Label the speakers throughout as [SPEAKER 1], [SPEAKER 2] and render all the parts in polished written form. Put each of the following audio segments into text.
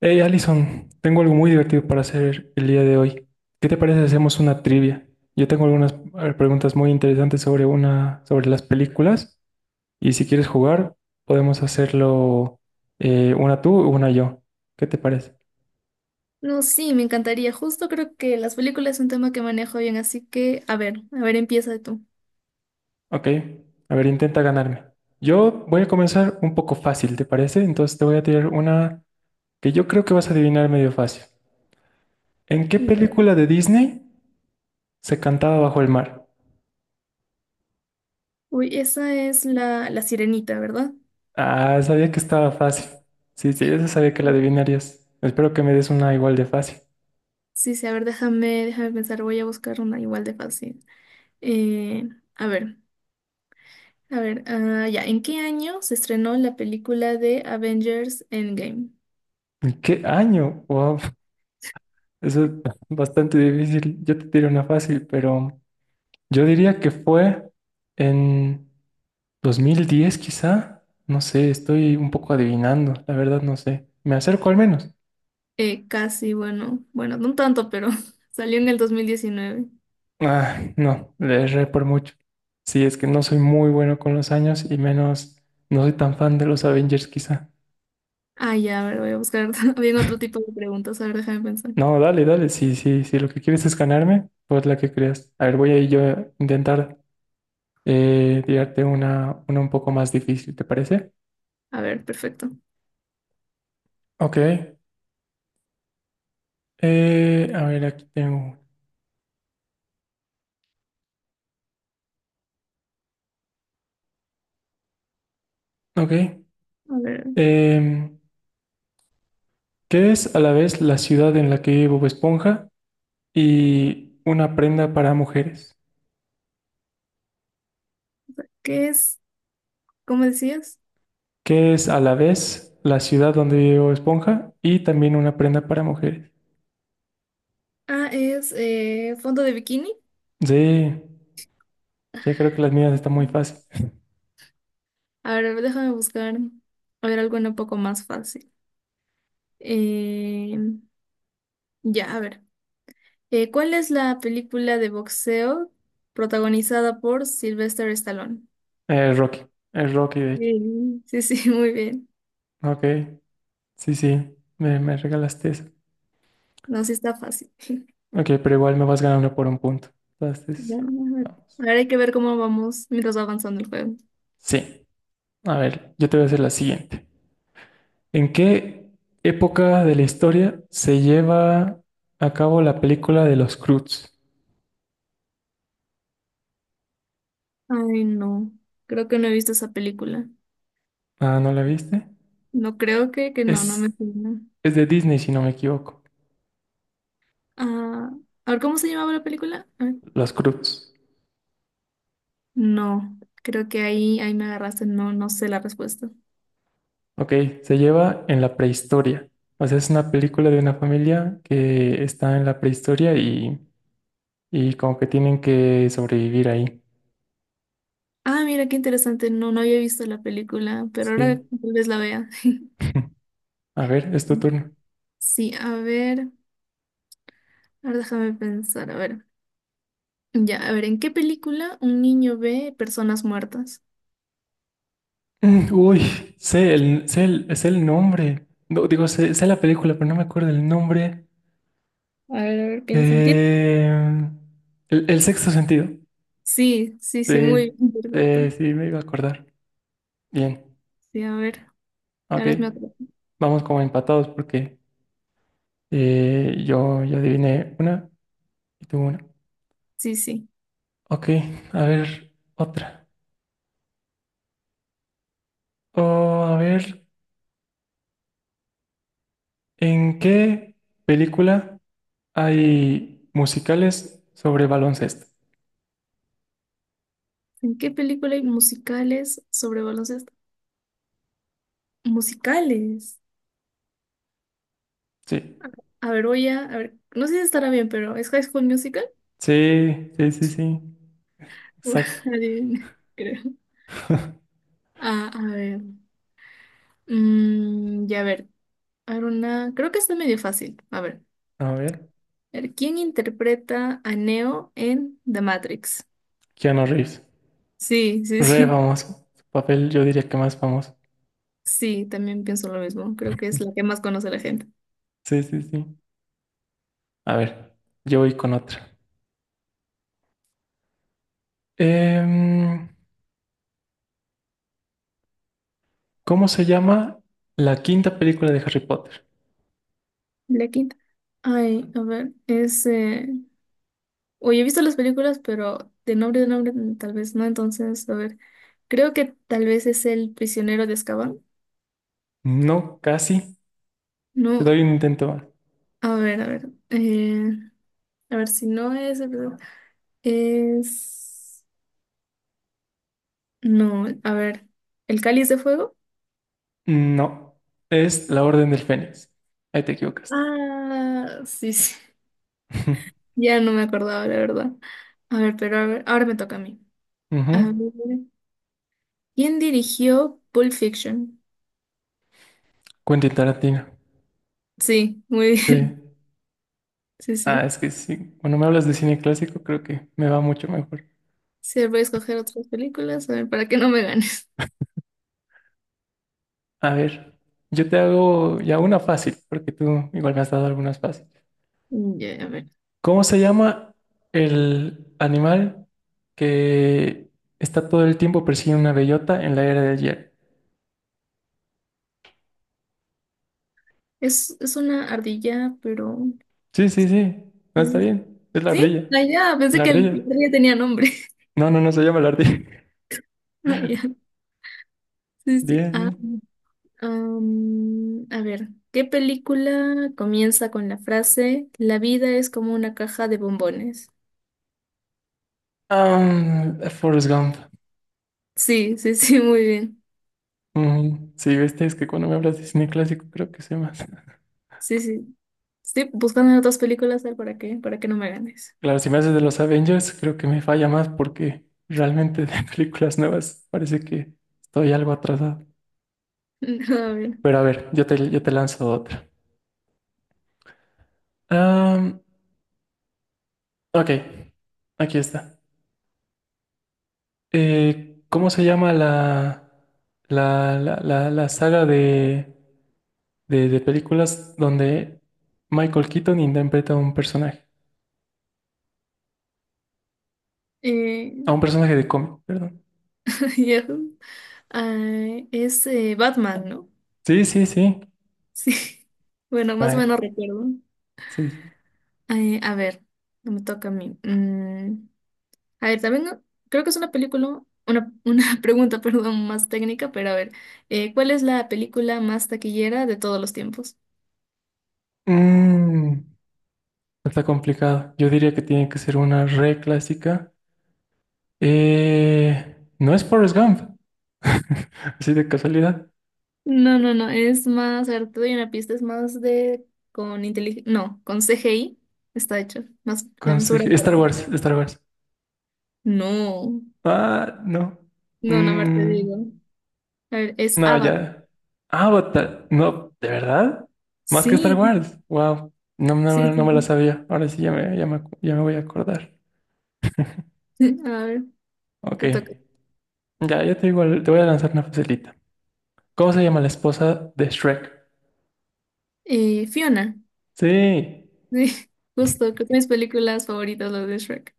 [SPEAKER 1] Hey Allison, tengo algo muy divertido para hacer el día de hoy. ¿Qué te parece si hacemos una trivia? Yo tengo algunas preguntas muy interesantes sobre las películas y si quieres jugar podemos hacerlo una tú, una yo. ¿Qué te parece?
[SPEAKER 2] No, sí, me encantaría. Justo creo que las películas es un tema que manejo bien, así que, a ver, empieza tú.
[SPEAKER 1] Ok, a ver, intenta ganarme. Yo voy a comenzar un poco fácil, ¿te parece? Entonces te voy a tirar una que yo creo que vas a adivinar medio fácil. ¿En qué
[SPEAKER 2] Ya.
[SPEAKER 1] película de Disney se cantaba bajo el mar?
[SPEAKER 2] Uy, esa es la sirenita, ¿verdad?
[SPEAKER 1] Ah, sabía que estaba fácil. Sí, sí, eso sabía que la adivinarías. Espero que me des una igual de fácil.
[SPEAKER 2] Sí, sí, a ver, déjame pensar, voy a buscar una igual de fácil. Eh, a ver, a ver, ah, ya, ¿en qué año se estrenó la película de Avengers Endgame?
[SPEAKER 1] ¿En qué año? Wow, eso es bastante difícil. Yo te tiro una fácil, pero yo diría que fue en 2010, quizá. No sé, estoy un poco adivinando, la verdad no sé. Me acerco al menos.
[SPEAKER 2] Casi, bueno, bueno, no tanto, pero salió en el 2019.
[SPEAKER 1] Ah, no, le erré por mucho. Sí, es que no soy muy bueno con los años y menos no soy tan fan de los Avengers quizá.
[SPEAKER 2] Ah, ya, a ver, voy a buscar bien otro tipo de preguntas, a ver, déjame pensar.
[SPEAKER 1] No, dale, dale. Sí, sí, sí. Lo que quieres es ganarme, pues la que creas. A ver, voy a ir yo a intentar tirarte una un poco más difícil, ¿te parece?
[SPEAKER 2] A ver, perfecto.
[SPEAKER 1] Ok. A ver, aquí tengo una. Ok.
[SPEAKER 2] A ver.
[SPEAKER 1] Em, ¿Qué es a la vez la ciudad en la que vive Bob Esponja y una prenda para mujeres?
[SPEAKER 2] ¿Qué es? ¿Cómo decías?
[SPEAKER 1] ¿Qué es a la vez la ciudad donde vive Bob Esponja y también una prenda para mujeres?
[SPEAKER 2] Ah, es fondo de bikini.
[SPEAKER 1] Sí, yo creo que las mías están muy fáciles.
[SPEAKER 2] A ver, déjame buscar. A ver, algo un poco más fácil. Eh, ya, a ver. ¿Cuál es la película de boxeo protagonizada por Sylvester Stallone?
[SPEAKER 1] Es Rocky. Es Rocky, de hecho.
[SPEAKER 2] Sí, sí, sí, muy bien.
[SPEAKER 1] Ok. Sí, sí, me regalaste eso.
[SPEAKER 2] No, sí está fácil.
[SPEAKER 1] Ok, pero igual me vas ganando por un punto.
[SPEAKER 2] Ya,
[SPEAKER 1] Entonces,
[SPEAKER 2] a ver,
[SPEAKER 1] vamos.
[SPEAKER 2] ahora hay que ver cómo vamos mientras va avanzando el juego.
[SPEAKER 1] Sí, a ver, yo te voy a hacer la siguiente. ¿En qué época de la historia se lleva a cabo la película de los Croods?
[SPEAKER 2] Ay, no. Creo que no he visto esa película.
[SPEAKER 1] Ah, ¿no la viste?
[SPEAKER 2] No creo que no, no me
[SPEAKER 1] Es,
[SPEAKER 2] suena.
[SPEAKER 1] es de Disney, si no me equivoco.
[SPEAKER 2] Ah, a ver, ¿cómo se llamaba la película? A ver.
[SPEAKER 1] Los Croods.
[SPEAKER 2] No, creo que ahí me agarraste, no, no sé la respuesta.
[SPEAKER 1] Ok, se lleva en la prehistoria. O sea, es una película de una familia que está en la prehistoria y como que tienen que sobrevivir ahí.
[SPEAKER 2] Ah, mira, qué interesante, no, no había visto la película, pero ahora
[SPEAKER 1] Sí.
[SPEAKER 2] tal vez la vea.
[SPEAKER 1] A ver, es tu turno.
[SPEAKER 2] Sí, a ver, ahora déjame pensar, a ver. Ya, a ver, ¿en qué película un niño ve personas muertas?
[SPEAKER 1] Uy, sé el nombre. No, digo, sé la película, pero no me acuerdo el nombre.
[SPEAKER 2] A ver, piensa. ¿Tien-
[SPEAKER 1] Eh, el sexto sentido.
[SPEAKER 2] Sí, sí, sí, muy
[SPEAKER 1] Sí,
[SPEAKER 2] bien, perfecto.
[SPEAKER 1] sí, sí, me iba a acordar. Bien,
[SPEAKER 2] Sí, a ver,
[SPEAKER 1] ok.
[SPEAKER 2] ahora es mi otro.
[SPEAKER 1] Vamos como empatados porque yo adiviné una y tú una.
[SPEAKER 2] Sí, sí.
[SPEAKER 1] Ok, a ver, otra. Oh, a ver, ¿en qué película hay musicales sobre baloncesto?
[SPEAKER 2] ¿En qué película hay musicales sobre baloncesto? Musicales.
[SPEAKER 1] Sí.
[SPEAKER 2] A ver, voy a ver, no sé si estará bien, pero ¿es High School Musical?
[SPEAKER 1] Sí, sí, sí, sí. Exacto.
[SPEAKER 2] Adivina, creo. Ah, a ver. Ya, a ver. A ver, una. Creo que está medio fácil. A ver.
[SPEAKER 1] A ver,
[SPEAKER 2] A ver, ¿quién interpreta a Neo en The Matrix?
[SPEAKER 1] Keanu Reeves.
[SPEAKER 2] Sí, sí,
[SPEAKER 1] Re
[SPEAKER 2] sí.
[SPEAKER 1] famoso. Su papel yo diría que más famoso.
[SPEAKER 2] Sí, también pienso lo mismo. Creo que es la que más conoce la gente.
[SPEAKER 1] Sí, sí, sí. A ver, yo voy con otra. Em, ¿Cómo se llama la quinta película de Harry Potter?
[SPEAKER 2] La quinta. Ay, a ver, es. Oye, he visto las películas, pero de nombre tal vez no. Entonces, a ver. Creo que tal vez es el prisionero de Azkaban.
[SPEAKER 1] No, casi. Te
[SPEAKER 2] No.
[SPEAKER 1] doy un intento más.
[SPEAKER 2] A ver, a ver. A ver si no es el Blue- Es. No, a ver. ¿El cáliz de fuego?
[SPEAKER 1] No, es La Orden del Fénix. Ahí te equivocaste.
[SPEAKER 2] Ah, sí, sí. Ya no me acordaba, la verdad. A ver, pero a ver, ahora me toca a mí. A
[SPEAKER 1] Ujú.
[SPEAKER 2] ver. ¿Quién dirigió Pulp Fiction?
[SPEAKER 1] Quentin Tarantino.
[SPEAKER 2] Sí, muy bien.
[SPEAKER 1] Sí.
[SPEAKER 2] Sí,
[SPEAKER 1] Ah,
[SPEAKER 2] sí.
[SPEAKER 1] es que sí. Cuando me hablas de cine clásico, creo que me va mucho mejor.
[SPEAKER 2] Sí, voy a escoger otras películas, a ver, para que no me ganes.
[SPEAKER 1] A ver, yo te hago ya una fácil, porque tú igual me has dado algunas fáciles.
[SPEAKER 2] Ya, a ver.
[SPEAKER 1] ¿Cómo se llama el animal que está todo el tiempo persiguiendo una bellota en la era del hielo?
[SPEAKER 2] Es una ardilla, pero.
[SPEAKER 1] Sí, sí, sí, no está
[SPEAKER 2] ¿Sí?
[SPEAKER 1] bien, es la
[SPEAKER 2] ¿Sí?
[SPEAKER 1] ardilla.
[SPEAKER 2] Ah, ya, pensé
[SPEAKER 1] La
[SPEAKER 2] que el- la
[SPEAKER 1] ardilla.
[SPEAKER 2] ardilla tenía nombre.
[SPEAKER 1] No, no, no se llama la ardilla.
[SPEAKER 2] Ah, ya. Sí, sí.
[SPEAKER 1] Bien,
[SPEAKER 2] Ah,
[SPEAKER 1] bien.
[SPEAKER 2] a ver, ¿qué película comienza con la frase la vida es como una caja de bombones?
[SPEAKER 1] Ah, Forrest Gump.
[SPEAKER 2] Sí, sí, sí, muy bien.
[SPEAKER 1] Ujú. Sí, viste, es que cuando me hablas de cine clásico creo que sé más.
[SPEAKER 2] Sí, sí. Estoy buscando en otras películas a ver, para qué, para que no me ganes.
[SPEAKER 1] Claro, si me haces de los Avengers, creo que me falla más porque realmente de películas nuevas parece que estoy algo atrasado.
[SPEAKER 2] A ver.
[SPEAKER 1] Pero a ver, yo te lanzo otra. Am, ok, aquí está. ¿Cómo se llama la saga de películas donde Michael Keaton interpreta a un personaje?
[SPEAKER 2] eh,
[SPEAKER 1] A un personaje de cómic, perdón.
[SPEAKER 2] ya, ah, es Batman, ¿no?
[SPEAKER 1] Sí, sí, sí.
[SPEAKER 2] Sí. Bueno, más o
[SPEAKER 1] Ay,
[SPEAKER 2] menos recuerdo.
[SPEAKER 1] sí. Sí.
[SPEAKER 2] A ver, me toca a mí. A ver, también no, creo que es una película, una pregunta, perdón, más técnica, pero a ver, ¿cuál es la película más taquillera de todos los tiempos?
[SPEAKER 1] Mm, Está complicado. Yo diría que tiene que ser una re clásica. No es Forrest Gump, así de casualidad.
[SPEAKER 2] No, no, no, es más, a ver, te doy una pista, es más de con inteligencia, no, con CGI está hecho, más la su gran.
[SPEAKER 1] Star Wars, Star Wars.
[SPEAKER 2] No,
[SPEAKER 1] Ah, no.
[SPEAKER 2] no, no, a ver, te
[SPEAKER 1] Mm,
[SPEAKER 2] digo. A ver, es
[SPEAKER 1] no,
[SPEAKER 2] Avatar.
[SPEAKER 1] ya. Avatar. No, ¿de verdad? Más que Star
[SPEAKER 2] Sí,
[SPEAKER 1] Wars. Wow. No,
[SPEAKER 2] sí,
[SPEAKER 1] no, no me la
[SPEAKER 2] sí.
[SPEAKER 1] sabía. Ahora sí ya me voy a acordar.
[SPEAKER 2] A ver,
[SPEAKER 1] Ok.
[SPEAKER 2] te toca.
[SPEAKER 1] Ya, ya te digo, te voy a lanzar una facilita. ¿Cómo se llama la esposa de Shrek?
[SPEAKER 2] Fiona.
[SPEAKER 1] Sí.
[SPEAKER 2] Sí, justo, creo que es mis películas favoritas, las de Shrek.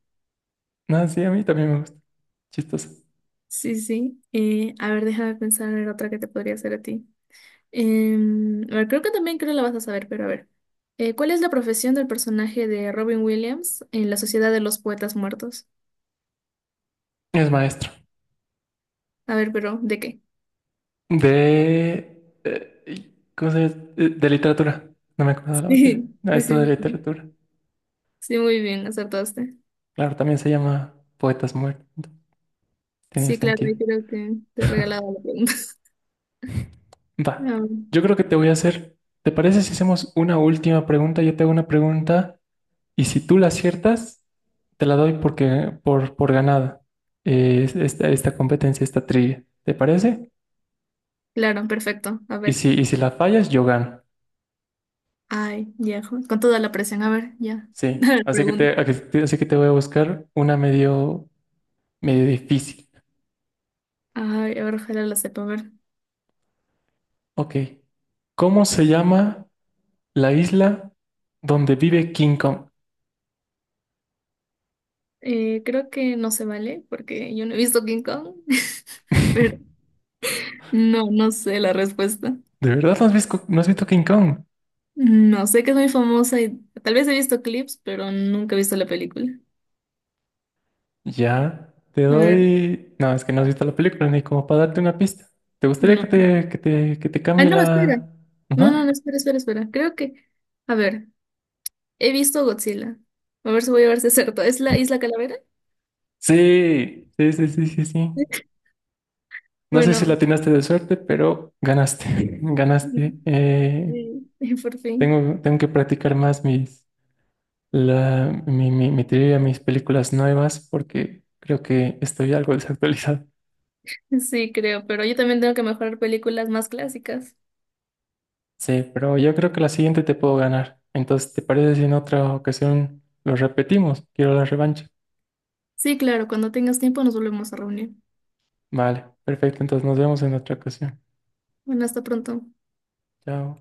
[SPEAKER 1] No, sí, a mí también me gusta. Chistoso.
[SPEAKER 2] Sí, sí. A ver, déjame pensar en otra que te podría hacer a ti. A ver, creo que también creo la vas a saber, pero a ver. ¿Cuál es la profesión del personaje de Robin Williams en La Sociedad de los Poetas Muertos?
[SPEAKER 1] Es maestro
[SPEAKER 2] A ver, pero ¿de qué?
[SPEAKER 1] de¿cómo se llama? De literatura. No me acuerdo de la materia.
[SPEAKER 2] Sí,
[SPEAKER 1] No,
[SPEAKER 2] sí,
[SPEAKER 1] esto de
[SPEAKER 2] sí, sí.
[SPEAKER 1] literatura.
[SPEAKER 2] Sí, muy bien, acertaste.
[SPEAKER 1] Claro, también se llama Poetas Muertos. Tiene
[SPEAKER 2] Sí, claro,
[SPEAKER 1] sentido.
[SPEAKER 2] ahí creo que te he regalado la pregunta.
[SPEAKER 1] Va.
[SPEAKER 2] Ah,
[SPEAKER 1] Yo creo que te voy a hacer. ¿Te parece si hacemos una última pregunta? Yo te hago una pregunta y si tú la aciertas, te la doy por ganada. Esta competencia, esta trivia. ¿Te parece?
[SPEAKER 2] claro, perfecto. A
[SPEAKER 1] Y
[SPEAKER 2] ver.
[SPEAKER 1] si, y si la fallas, yo gano.
[SPEAKER 2] Ay, ya, jo- con toda la presión. A ver, ya.
[SPEAKER 1] Sí.
[SPEAKER 2] A ver,
[SPEAKER 1] Así que te,
[SPEAKER 2] pregunta.
[SPEAKER 1] así que te voy a buscar una medio difícil.
[SPEAKER 2] Ay, a ver, ojalá la sepa. A ver.
[SPEAKER 1] Ok. ¿Cómo se llama la isla donde vive King Kong?
[SPEAKER 2] Creo que no se vale porque yo no he visto King Kong, pero no, no sé la respuesta.
[SPEAKER 1] ¿De verdad no has visto King Kong?
[SPEAKER 2] No, sé que es muy famosa y tal vez he visto clips, pero nunca he visto la película.
[SPEAKER 1] Ya, te
[SPEAKER 2] A ver,
[SPEAKER 1] doy. No, es que no has visto la película ni como para darte una pista. ¿Te gustaría
[SPEAKER 2] no.
[SPEAKER 1] que te
[SPEAKER 2] Ah,
[SPEAKER 1] cambie
[SPEAKER 2] no, espera.
[SPEAKER 1] la.
[SPEAKER 2] No,
[SPEAKER 1] Ajá.
[SPEAKER 2] no, no, espera, espera, espera. Creo que, a ver, he visto Godzilla. A ver si voy a verse cierto. ¿Es la Isla Calavera?
[SPEAKER 1] Sí, sí, sí, sí, sí, sí. No sé si la
[SPEAKER 2] Bueno,
[SPEAKER 1] atinaste de suerte, pero ganaste,
[SPEAKER 2] sí,
[SPEAKER 1] ganaste. Eh,
[SPEAKER 2] por fin.
[SPEAKER 1] tengo, tengo que practicar más mis, la, mi trivia, mis películas nuevas, porque creo que estoy algo desactualizado.
[SPEAKER 2] Sí, creo, pero yo también tengo que mejorar películas más clásicas.
[SPEAKER 1] Sí, pero yo creo que la siguiente te puedo ganar. Entonces, ¿te parece si en otra ocasión lo repetimos? Quiero la revancha.
[SPEAKER 2] Sí, claro, cuando tengas tiempo nos volvemos a reunir.
[SPEAKER 1] Vale, perfecto. Entonces nos vemos en otra ocasión.
[SPEAKER 2] Bueno, hasta pronto.
[SPEAKER 1] Chao.